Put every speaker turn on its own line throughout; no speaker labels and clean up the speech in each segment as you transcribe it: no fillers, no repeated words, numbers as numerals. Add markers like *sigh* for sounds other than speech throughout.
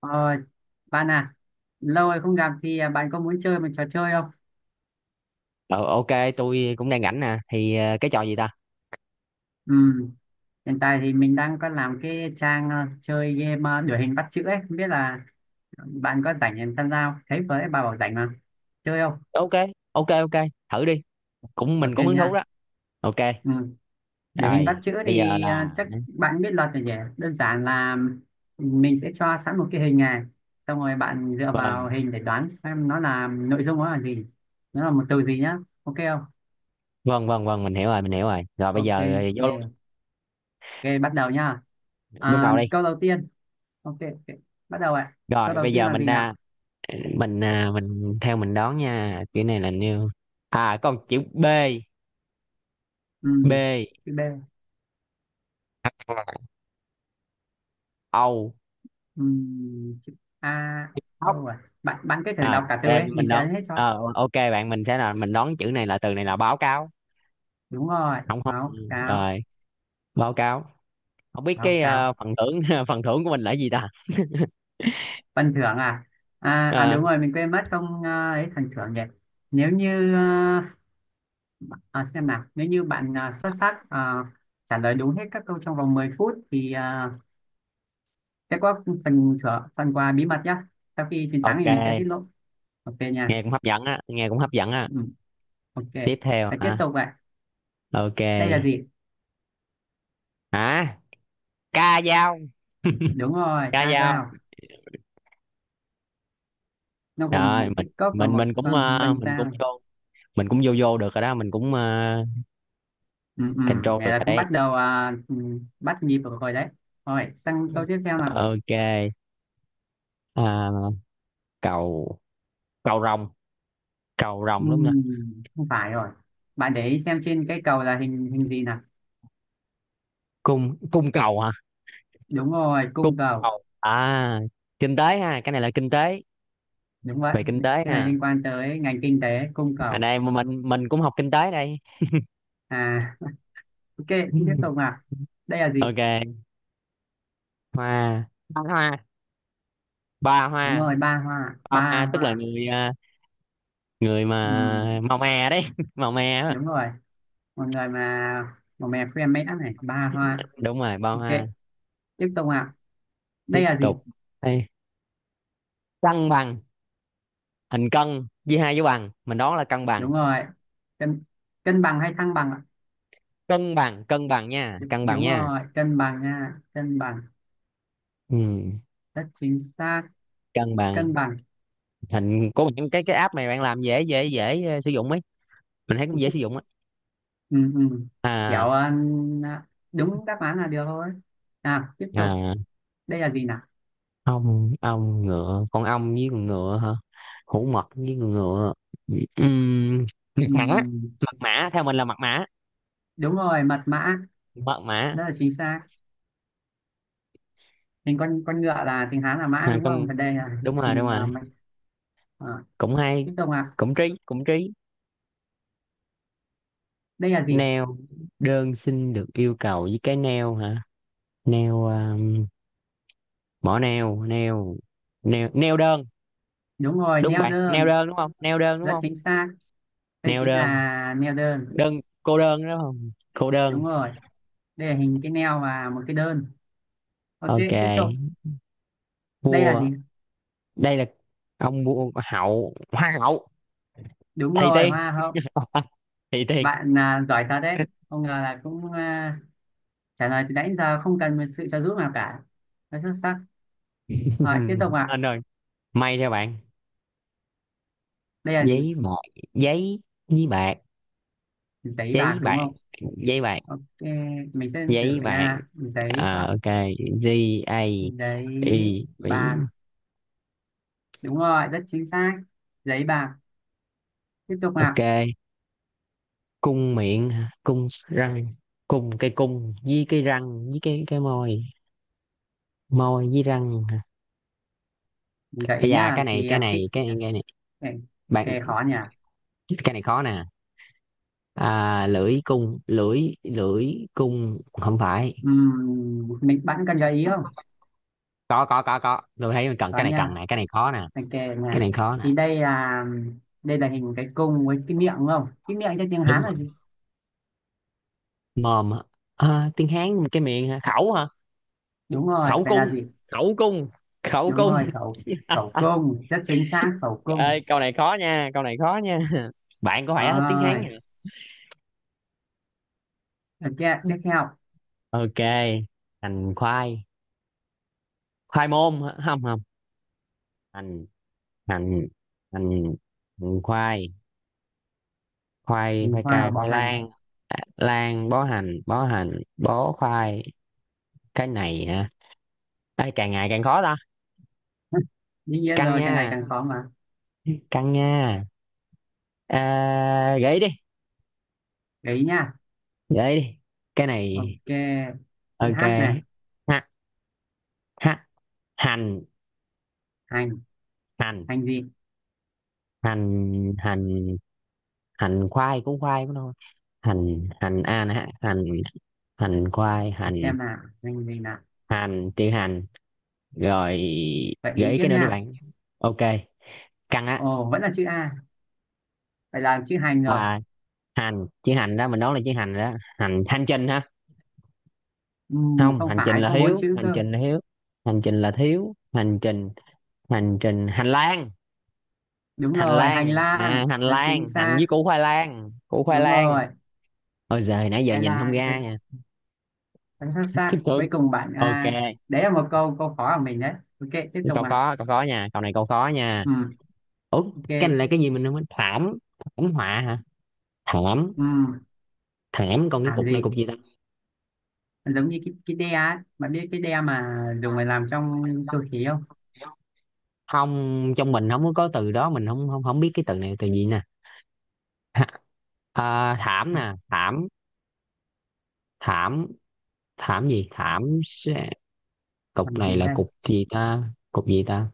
Ờ, bạn à, lâu rồi không gặp thì à, bạn có muốn chơi một trò chơi không?
Ờ ok, tôi cũng đang rảnh nè. Thì cái trò gì ta?
Ừ, hiện tại thì mình đang có làm cái trang à, chơi game à, đuổi hình bắt chữ ấy, không biết là bạn có rảnh để tham gia không? Thấy với bà bảo rảnh mà, chơi không?
Ok, ok, ok, thử đi. Cũng mình
Ok
cũng hứng thú
nha.
đó. Ok.
Ừ. Đuổi hình bắt
Rồi,
chữ
bây giờ
thì à,
là
chắc bạn biết luật rồi nhỉ? Đơn giản là mình sẽ cho sẵn một cái hình này, xong rồi bạn dựa vào
vâng,
hình để đoán xem nó là nội dung nó là gì, nó là một từ gì nhá, ok không?
vâng, vâng, vâng, mình hiểu rồi, mình hiểu rồi. Rồi bây
Ok,
giờ vô luôn,
yeah. Ok, bắt đầu nhá.
bắt
À,
đầu đi.
câu đầu tiên. Ok. Bắt đầu ạ. Câu
Rồi
đầu
bây
tiên
giờ
là
mình
gì nào?
ra mình mình theo mình đoán nha. Chữ này là new. À, con chữ B,
Ừ,
B.
chữ B.
Âu.
Ừ, chữ A.
Ốc.
Đâu rồi? Bạn cứ thử
Rồi,
đọc cả từ
em
ấy. Mình
mình
sẽ
đoán.
ấn hết cho.
Ok bạn, mình sẽ là mình đoán chữ này là từ này là báo cáo.
Đúng rồi.
Không, không.
Báo cáo.
Rồi, báo cáo. Không biết
Báo
cái
cáo.
phần thưởng *laughs* phần thưởng của mình là gì ta.
Phần thưởng à? À, à
Ờ,
đúng rồi. Mình quên mất không à, ấy phần thưởng nhỉ. Nếu như... À, à, xem nào. Nếu như bạn à, xuất sắc à, trả lời đúng hết các câu trong vòng 10 phút thì à, sẽ có phần thưởng, phần quà bí mật nhá. Sau khi chiến thắng thì mình sẽ tiết
ok,
lộ. Ok nha.
nghe cũng hấp dẫn á, nghe cũng hấp dẫn á.
Ừ, ok.
Tiếp theo
Hãy tiếp
hả?
tục vậy.
Ok,
Đây là gì?
hả, ca dao,
Đúng rồi,
ca
ca
dao.
dao. Nó gồm
Rồi
một
mình
cái cốc và
mình
một con cân
mình cũng
sao.
vô, mình cũng vô, vô được rồi đó, mình cũng
Ừ.
control
Này
được
là
rồi
cũng
đấy.
bắt đầu à, ừ, bắt nhịp được rồi đấy. Rồi, sang câu tiếp theo nào.
Ok. À, cầu, cầu rồng, cầu
Ừ,
rồng đúng không?
không phải rồi. Bạn để ý xem trên cái cầu là hình hình gì nào.
Cung cung cầu hả?
Đúng rồi,
Cung
cung cầu.
cầu. À, kinh tế ha, cái này là kinh tế,
Đúng vậy.
về kinh tế
Cái này
ha.
liên quan tới ngành kinh tế, cung
Ở
cầu.
đây mà mình cũng học kinh tế đây.
À, *laughs* ok, tiếp tục
*laughs*
nào. Đây là gì?
Ok. Hoa. Ba hoa. Ba
Đúng
hoa.
rồi, ba hoa.
Ba
Ba
hoa tức là
hoa.
người à, người
Ừ,
mà màu mè đấy, *laughs* màu mè á.
đúng rồi. Một người mà một mẹ khuyên mẽ này ba hoa.
Đúng rồi, ba
Ok,
hoa.
tiếp tục ạ. Đây
Tiếp
là gì?
tục. Đây. Cân bằng. Hình cân chia hai dấu bằng, mình đoán là cân bằng.
Đúng rồi, cân. Cân bằng hay thăng bằng ạ?
Cân bằng, cân bằng nha,
Đ-
cân bằng
đúng
nha.
rồi cân bằng nha, cân bằng,
Ừ.
rất chính xác,
Cân bằng.
cân bằng.
Hình của những cái app này bạn làm dễ dễ dễ ờ, sử dụng ấy, mình thấy cũng dễ sử dụng ấy.
Ừ Kiểu
À.
ờ, à, đúng đáp án là được thôi. Nào tiếp tục.
À,
Đây là gì nào?
ong, ong ngựa, con ong với con ngựa hả? Hổ mật với con ngựa. Ừm, mật
Ừ,
mã. Mật mã, theo mình là mật mã.
đúng rồi mật mã.
Mật mã.
Rất là chính xác. Hình con ngựa là tiếng Hán là mã
À,
đúng
con,
không, và đây là
đúng rồi, đúng
hình ờ,
rồi.
mạch- ờ,
Cũng hay.
tiếp tục ạ.
Cũng trí, cũng trí.
Đây là gì?
Neo, đơn xin được yêu cầu với cái neo hả? Neo mỏ neo, neo, neo, neo đơn.
Đúng rồi,
Đúng
neo
bạn, neo
đơn.
đơn đúng không, neo đơn đúng
Rất
không?
chính xác. Đây
Neo
chính
đơn.
là neo đơn.
Đơn, cô đơn đúng không, cô đơn.
Đúng rồi. Đây là hình cái neo và một cái đơn. Ok, tiếp tục.
Ok.
Đây là gì?
Vua. Đây là ông vua, hậu, hoa hậu.
Đúng
Thầy
rồi,
tiên.
hoa hậu.
*laughs* Thầy tiên.
Bạn à, giỏi thật đấy, không ngờ là cũng à, trả lời từ nãy giờ không cần một sự trợ giúp nào cả. Rất xuất sắc. Rồi tiếp tục
*laughs*
ạ.
Anh ơi, may cho bạn.
Đây là gì?
Giấy bạc. Giấy với bạc.
Giấy bạc
Giấy
đúng
bạc,
không?
giấy bạc,
Ok, mình sẽ thử
giấy bạc.
nha. Giấy
Ờ,
bạc.
ok. G, A,
Giấy
I, Mỹ.
bạc. Đúng rồi, rất chính xác. Giấy bạc. Tiếp tục ạ.
Ok. Cung miệng, cung răng, cung, cái cung với cái răng với cái môi, môi với răng.
Mình gợi
Ây
ý
da,
nhá
cái này,
thì
cái
à,
này, cái này,
cái,
bạn,
cái khó nhỉ.
cái này khó nè. À, lưỡi cung, lưỡi lưỡi cung không phải.
Mình bạn cần gợi ý không?
Có, tôi thấy mình cần,
Đó
cái này cần
nha,
này, cái này khó nè,
mình kể
cái
nha.
này khó nè.
Thì đây là hình cái cung với cái miệng đúng không? Cái miệng cho tiếng
Đúng
Hán là
rồi.
gì?
Mồm hả? À, tiếng Hán cái miệng hả, khẩu hả?
Đúng rồi,
Khẩu
vậy là
cung,
gì?
khẩu cung, khẩu
Đúng
cung.
rồi, khẩu, khẩu cung, rất chính xác khẩu
Ơi
cung.
câu này khó nha, câu này khó nha. *laughs* Bạn có phải hết tiếng Hán
Rồi,
hả?
ok, tiếp theo.
Ok. Hành khoai, khoai môn hả? Không, không, hành, hành, hành, hành khoai, khoai,
Hình
khoai
khoai và
cà,
bọ
khoai
hành.
lang. À, lang, bó hành, bó hành, bó khoai. Cái này hả? Ê, càng ngày càng khó ta.
*laughs* Đương nhiên
Căng
rồi, càng ngày
nha,
càng khó mà.
căng nha. À, gãy đi,
Gợi ý nha.
gãy đi, cái này.
Ok, chữ
Ok.
H này,
Ha, ha, hành,
hành,
hành,
hành gì?
hành, hành, hành khoai cũng, khoai cũng thôi. Hành, hành a nè ha. Hành, hành khoai,
Để
hành,
xem nào, hành gì nào.
hành chữ hành, rồi.
Gợi ý
Gãy
tiếp
cái nữa đi
nha.
bạn. Ok. Căng á.
Ồ, vẫn là chữ A, vậy là chữ hành rồi.
À, hành chữ hành đó, mình đoán là chữ hành đó. Hành, hành trình hả? Không,
Không
hành trình
phải,
là
có bốn
hiếu,
chữ
hành
cơ.
trình là hiếu, hành trình là thiếu, hành trình, hành trình, hành lang,
Đúng
hành
rồi hành
lang.
lang
À, hành
là chính
lang, hành
xác.
với củ khoai lang, củ khoai
Đúng
lang.
rồi
Ôi giời, nãy giờ
hành
nhìn không
lang. Chính,
ra nha.
chính
*laughs*
xác.
Thương.
Cuối cùng bạn
Ok.
à, đấy là một câu câu khó của mình đấy. Ok, tiếp tục
Câu
ạ.
có, câu có nha, câu này câu có nha.
Ừ,
Ủa. Cái này
ok.
là cái gì mình không biết, thảm, thảm họa hả, thảm.
Ừ,
Thảm còn cái
làm
cục này,
gì.
cục gì ta?
Giống như cái đe á, bạn biết cái đe mà dùng để làm trong cơ khí không?
Không, trong mình không có có từ đó, mình không, không, không biết cái từ này từ gì nè. *laughs* À, thảm nè, thảm, thảm, thảm gì, thảm sẽ-, cục
Làm
này
gì
là
đây.
cục gì ta, cục gì ta,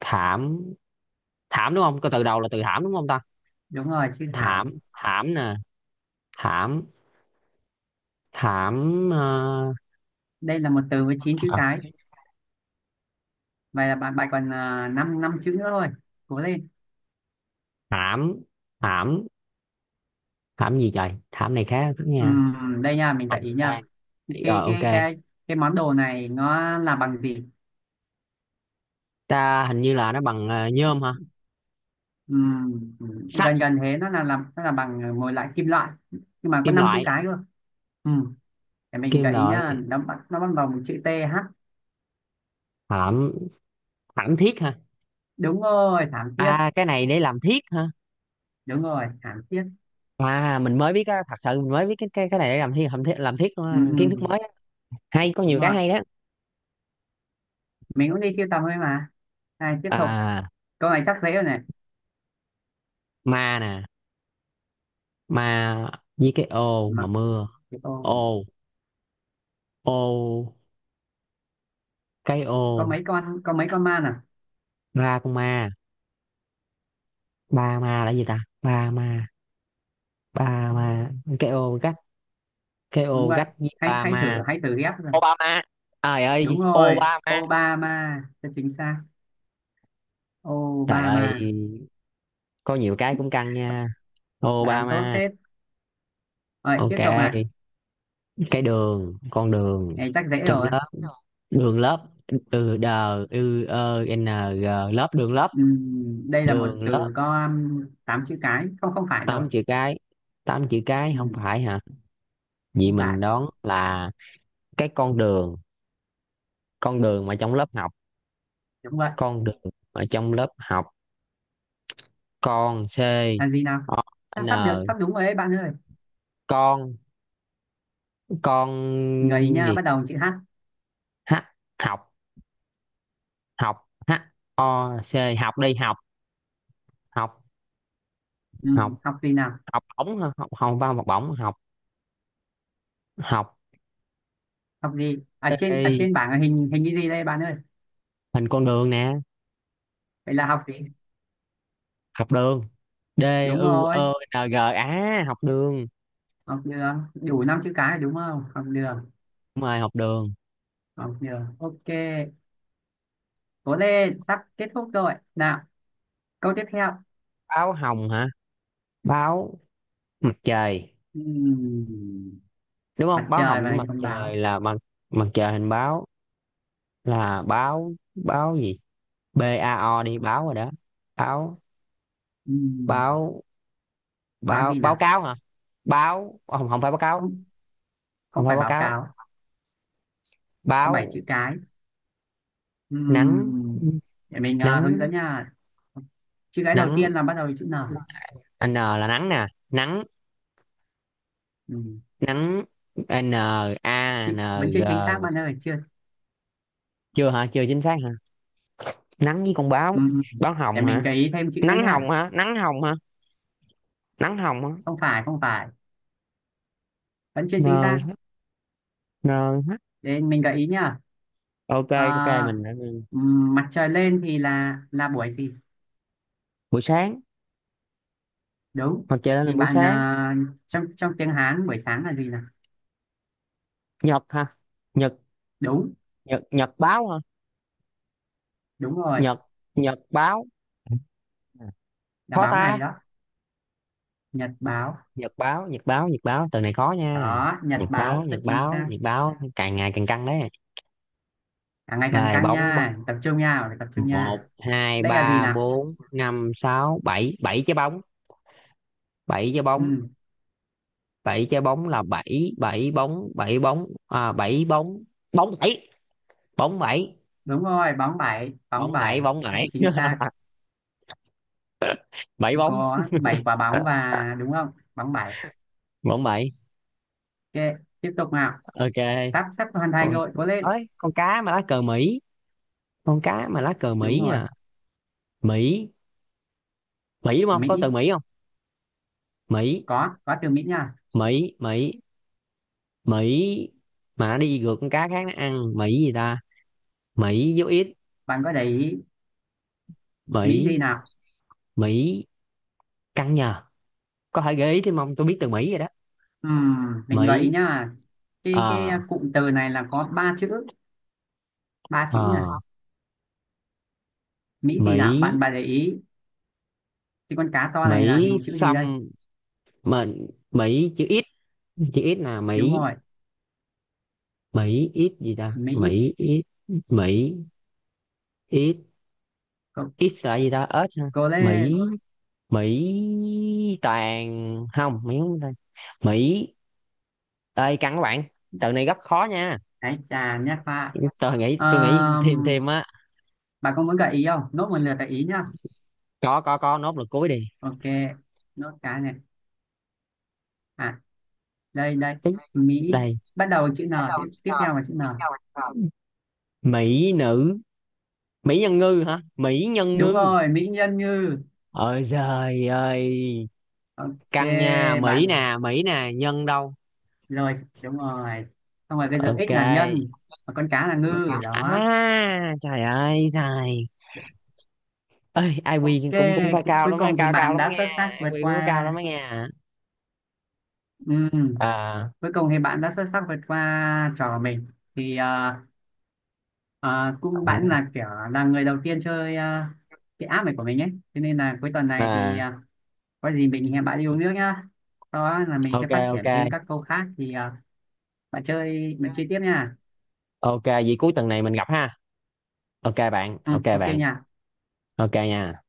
thảm, thảm đúng không, cái từ đầu là từ thảm đúng không ta?
Đúng rồi chữ
Thảm,
hãm.
thảm nè, thảm, thảm
Đây là một từ với chín chữ
thảm,
cái. Vậy là bạn bạn còn 5 năm chữ nữa thôi. Cố lên.
thảm, thảm, thảm gì trời, thảm này khá lắm nha.
Đây nha mình
Hành
gợi ý nha.
lang. Rồi,
cái cái
ok.
cái cái món đồ này nó là bằng gì?
Ta hình như là nó bằng nhôm hả?
Ừ, ừ.
Sắt,
Gần gần thế, nó là làm nó là bằng một lại kim loại nhưng mà có
kim
năm chữ
loại,
cái cơ. Ừ. Để mình
kim
gợi ý nhá,
loại.
nó bắt đầu bằng chữ T H.
Thảm, thảm thiết ha.
Đúng rồi thảm thiết.
À cái này để làm thiết ha.
Đúng rồi thảm thiết.
À, mình mới biết á, thật sự mình mới biết cái cái này để làm thiết, làm thiết, làm thiết luôn
ừ,
á, kiến thức
ừ.
mới á. Hay, có
Đúng
nhiều cái
rồi.
hay đó.
Mình cũng đi siêu tầm thôi mà. Này tiếp tục.
À,
Câu này chắc dễ rồi này.
ma nè, ma với cái ô mà
Mà
mưa.
cái câu này.
Ô, ô, cái
Có
ô.
mấy con, có mấy con ma à?
Ba con ma. Ba ma là gì ta, ba ma, ba ma, cái ô gách, cái
Đúng
ô
vậy.
gách với
Hãy
ba
hãy
ma.
thử, hãy thử ghép rồi.
Obama, trời
Đúng
ơi
rồi
Obama.
Obama cho chính xác.
Trời ơi,
Obama.
có nhiều cái cũng căng nha.
Bà làm tốt
Obama.
hết. Rồi tiếp
Ok,
tục này.
cái đường, con đường,
Này chắc dễ
trong
rồi.
lớp, đường lớp, từ đờ ư ơ n g, lớp, đường lớp,
Đây là một
đường lớp.
từ có tám chữ cái. Không không phải rồi.
Tám chữ cái, tám chữ cái không
Ừm,
phải hả? Vì
không phải.
mình đoán là cái con đường, con đường mà trong lớp học,
Đúng vậy.
con đường ở trong lớp học, con, c,
Là gì nào?
o,
Sắp sắp được,
n,
sắp đúng rồi đấy bạn ơi.
con
Mình gợi ý
con
nha,
gì,
bắt đầu bằng chữ H.
h, học, học, h, o, c, học đi học, học, học,
Học gì nào?
học bổng hả? Học, không vào học bổng, học, học.
Học gì? Ở trên
Ê,
ở trên bảng là hình hình cái gì đây bạn ơi?
hình con đường nè.
Vậy là học gì?
Học đường, D,
Đúng
U,
rồi
ơ, N, G á, học đường.
học đường, đủ năm chữ cái đúng không? Học đường.
Đúng rồi, học đường.
Học đường. Ok, cố lên, sắp kết thúc rồi nào. Câu tiếp theo.
Báo hồng hả, báo, mặt trời
Ừm,
đúng
mặt
không, báo hồng
trời
với
và hình
mặt
con báo.
trời là mặt, mặt trời, hình báo, là báo, báo gì, B A O đi báo rồi đó, báo,
Ừm,
báo,
báo
báo,
gì
báo
nào?
cáo hả, báo, không, không phải báo cáo,
Không,
không
không
phải
phải
báo
báo
cáo,
cáo. Có 7
báo,
chữ cái.
nắng,
Ừm, để mình à,
nắng,
hướng dẫn nha. Chữ cái đầu
nắng,
tiên là bắt đầu với chữ N.
N là nắng nè, nắng,
Ừm,
nắng. À, n, a,
chị
n,
vẫn chưa
g,
chính xác bạn ơi, chưa.
chưa hả, chưa chính xác hả? Nắng với con báo,
Ừm,
báo
để
hồng
mình
hả,
gợi ý thêm chữ nữa
nắng
nha.
hồng hả, nắng hồng hả, nắng hồng hả.
Không phải, không phải, vẫn chưa chính xác.
N, n,
Để mình gợi ý nha.
ok.
Ờ,
Ok mình đã-.
mặt trời lên thì là buổi gì?
Buổi sáng,
Đúng.
mặt trời lên là
Thì
buổi
bạn
sáng.
à, trong trong tiếng Hán buổi sáng là gì nào?
Nhật hả, nhật,
Đúng.
nhật, nhật báo hả,
Đúng rồi.
nhật, nhật báo,
Là
khó
báo ngày
ta,
đó. Nhật báo.
nhật báo, nhật báo, nhật báo, từ này khó nha,
Đó nhật
nhật
báo
báo,
rất
nhật
chính
báo,
xác.
nhật báo, càng ngày càng căng đấy.
Càng ngày càng
Rồi,
căng
bóng,
nha, tập trung nha, phải tập trung nha.
một hai
Đây là gì
ba
nào?
bốn năm sáu bảy, bảy trái bóng, bảy trái bóng,
Ừ,
bảy trái bóng là bảy, bảy bóng, bảy bóng à, bảy bóng, bóng bảy, bóng bảy,
đúng rồi, bóng bảy bóng
bóng bảy,
bảy.
bóng bảy.
Chính
*laughs*
xác.
Bảy bóng,
Có bảy quả bóng và đúng không, bóng bảy.
bóng bảy.
Ok, tiếp tục nào.
Ok.
Sắp sắp hoàn thành
Con,
rồi, cố lên.
ơi con cá mà lá cờ Mỹ, con cá mà lá cờ
Đúng
Mỹ
rồi
à, Mỹ, Mỹ đúng không, có từ
Mỹ.
Mỹ không, Mỹ,
Có từ Mỹ nha.
Mỹ, Mỹ, Mỹ, mà nó đi ngược con cá khác nó ăn, Mỹ gì ta, Mỹ dấu ít,
Bạn có để ý. Mỹ gì
Mỹ,
nào?
Mỹ, căng nhờ, có thể gợi ý thêm không, tôi biết từ Mỹ rồi đó.
Mình gợi ý
Mỹ.
nhá, cái
Ờ,
cụm từ này là có ba chữ. Ba chữ nha.
ờ,
Mỹ gì
Mỹ,
nào bạn, bạn để ý. Cái con cá to này là
Mỹ
hình chữ gì đây?
xăm, mình Mỹ chữ ít, chữ ít là
Đúng
Mỹ,
rồi
Mỹ ít gì ta,
Mỹ.
Mỹ ít, Mỹ, ít,
Cố,
ít là gì ta, ớt ha,
cố
Mỹ,
lên.
Mỹ toàn không Mỹ không ta. Mỹ, ơi căng các bạn, từ này rất khó nha,
Hãy chà nhé pha.
tôi nghĩ, tôi nghĩ thêm, thêm á.
Bà có muốn gợi ý không? Nốt một lượt gợi ý nhá.
Có, nốt lực cuối đi.
Ok, nốt cái này. À, đây đây.
Ý,
Mỹ,
đây.
bắt đầu chữ N, tiếp tiếp theo là chữ N.
Mỹ nữ, Mỹ nhân ngư hả, Mỹ nhân
Đúng
ngư,
rồi, Mỹ nhân Như.
ôi giời ơi,
Ok,
căng nha, Mỹ
bạn
nè, Mỹ nè, nhân đâu.
rồi, đúng rồi. Xong rồi cái dấu X
Ok.
là nhân, và con cá là ngư đó.
À, trời ơi, trời ơi
Ok,
IQ cũng cũng phải
cu-
cao
cuối
lắm á,
cùng thì
cao cao
bạn
lắm á
đã xuất
nghe.
sắc
Ai
vượt
IQ cũng phải cao
qua.
lắm á nghe à.
Ừ,
À
cuối cùng thì bạn đã xuất sắc vượt qua trò của mình. Thì ờ, à, cũng bạn
ok,
là kiểu là người đầu tiên chơi à, cái app này của mình ấy cho nên là cuối tuần này thì à, có gì mình hẹn bạn đi uống nước nhá. Sau đó là mình sẽ phát
ok,
triển thêm các câu khác thì à, bạn chơi, bạn chơi tiếp nha.
ok, vậy cuối tuần này mình gặp ha, ok bạn,
Ừ,
ok
ok
bạn,
nha.
ok nha.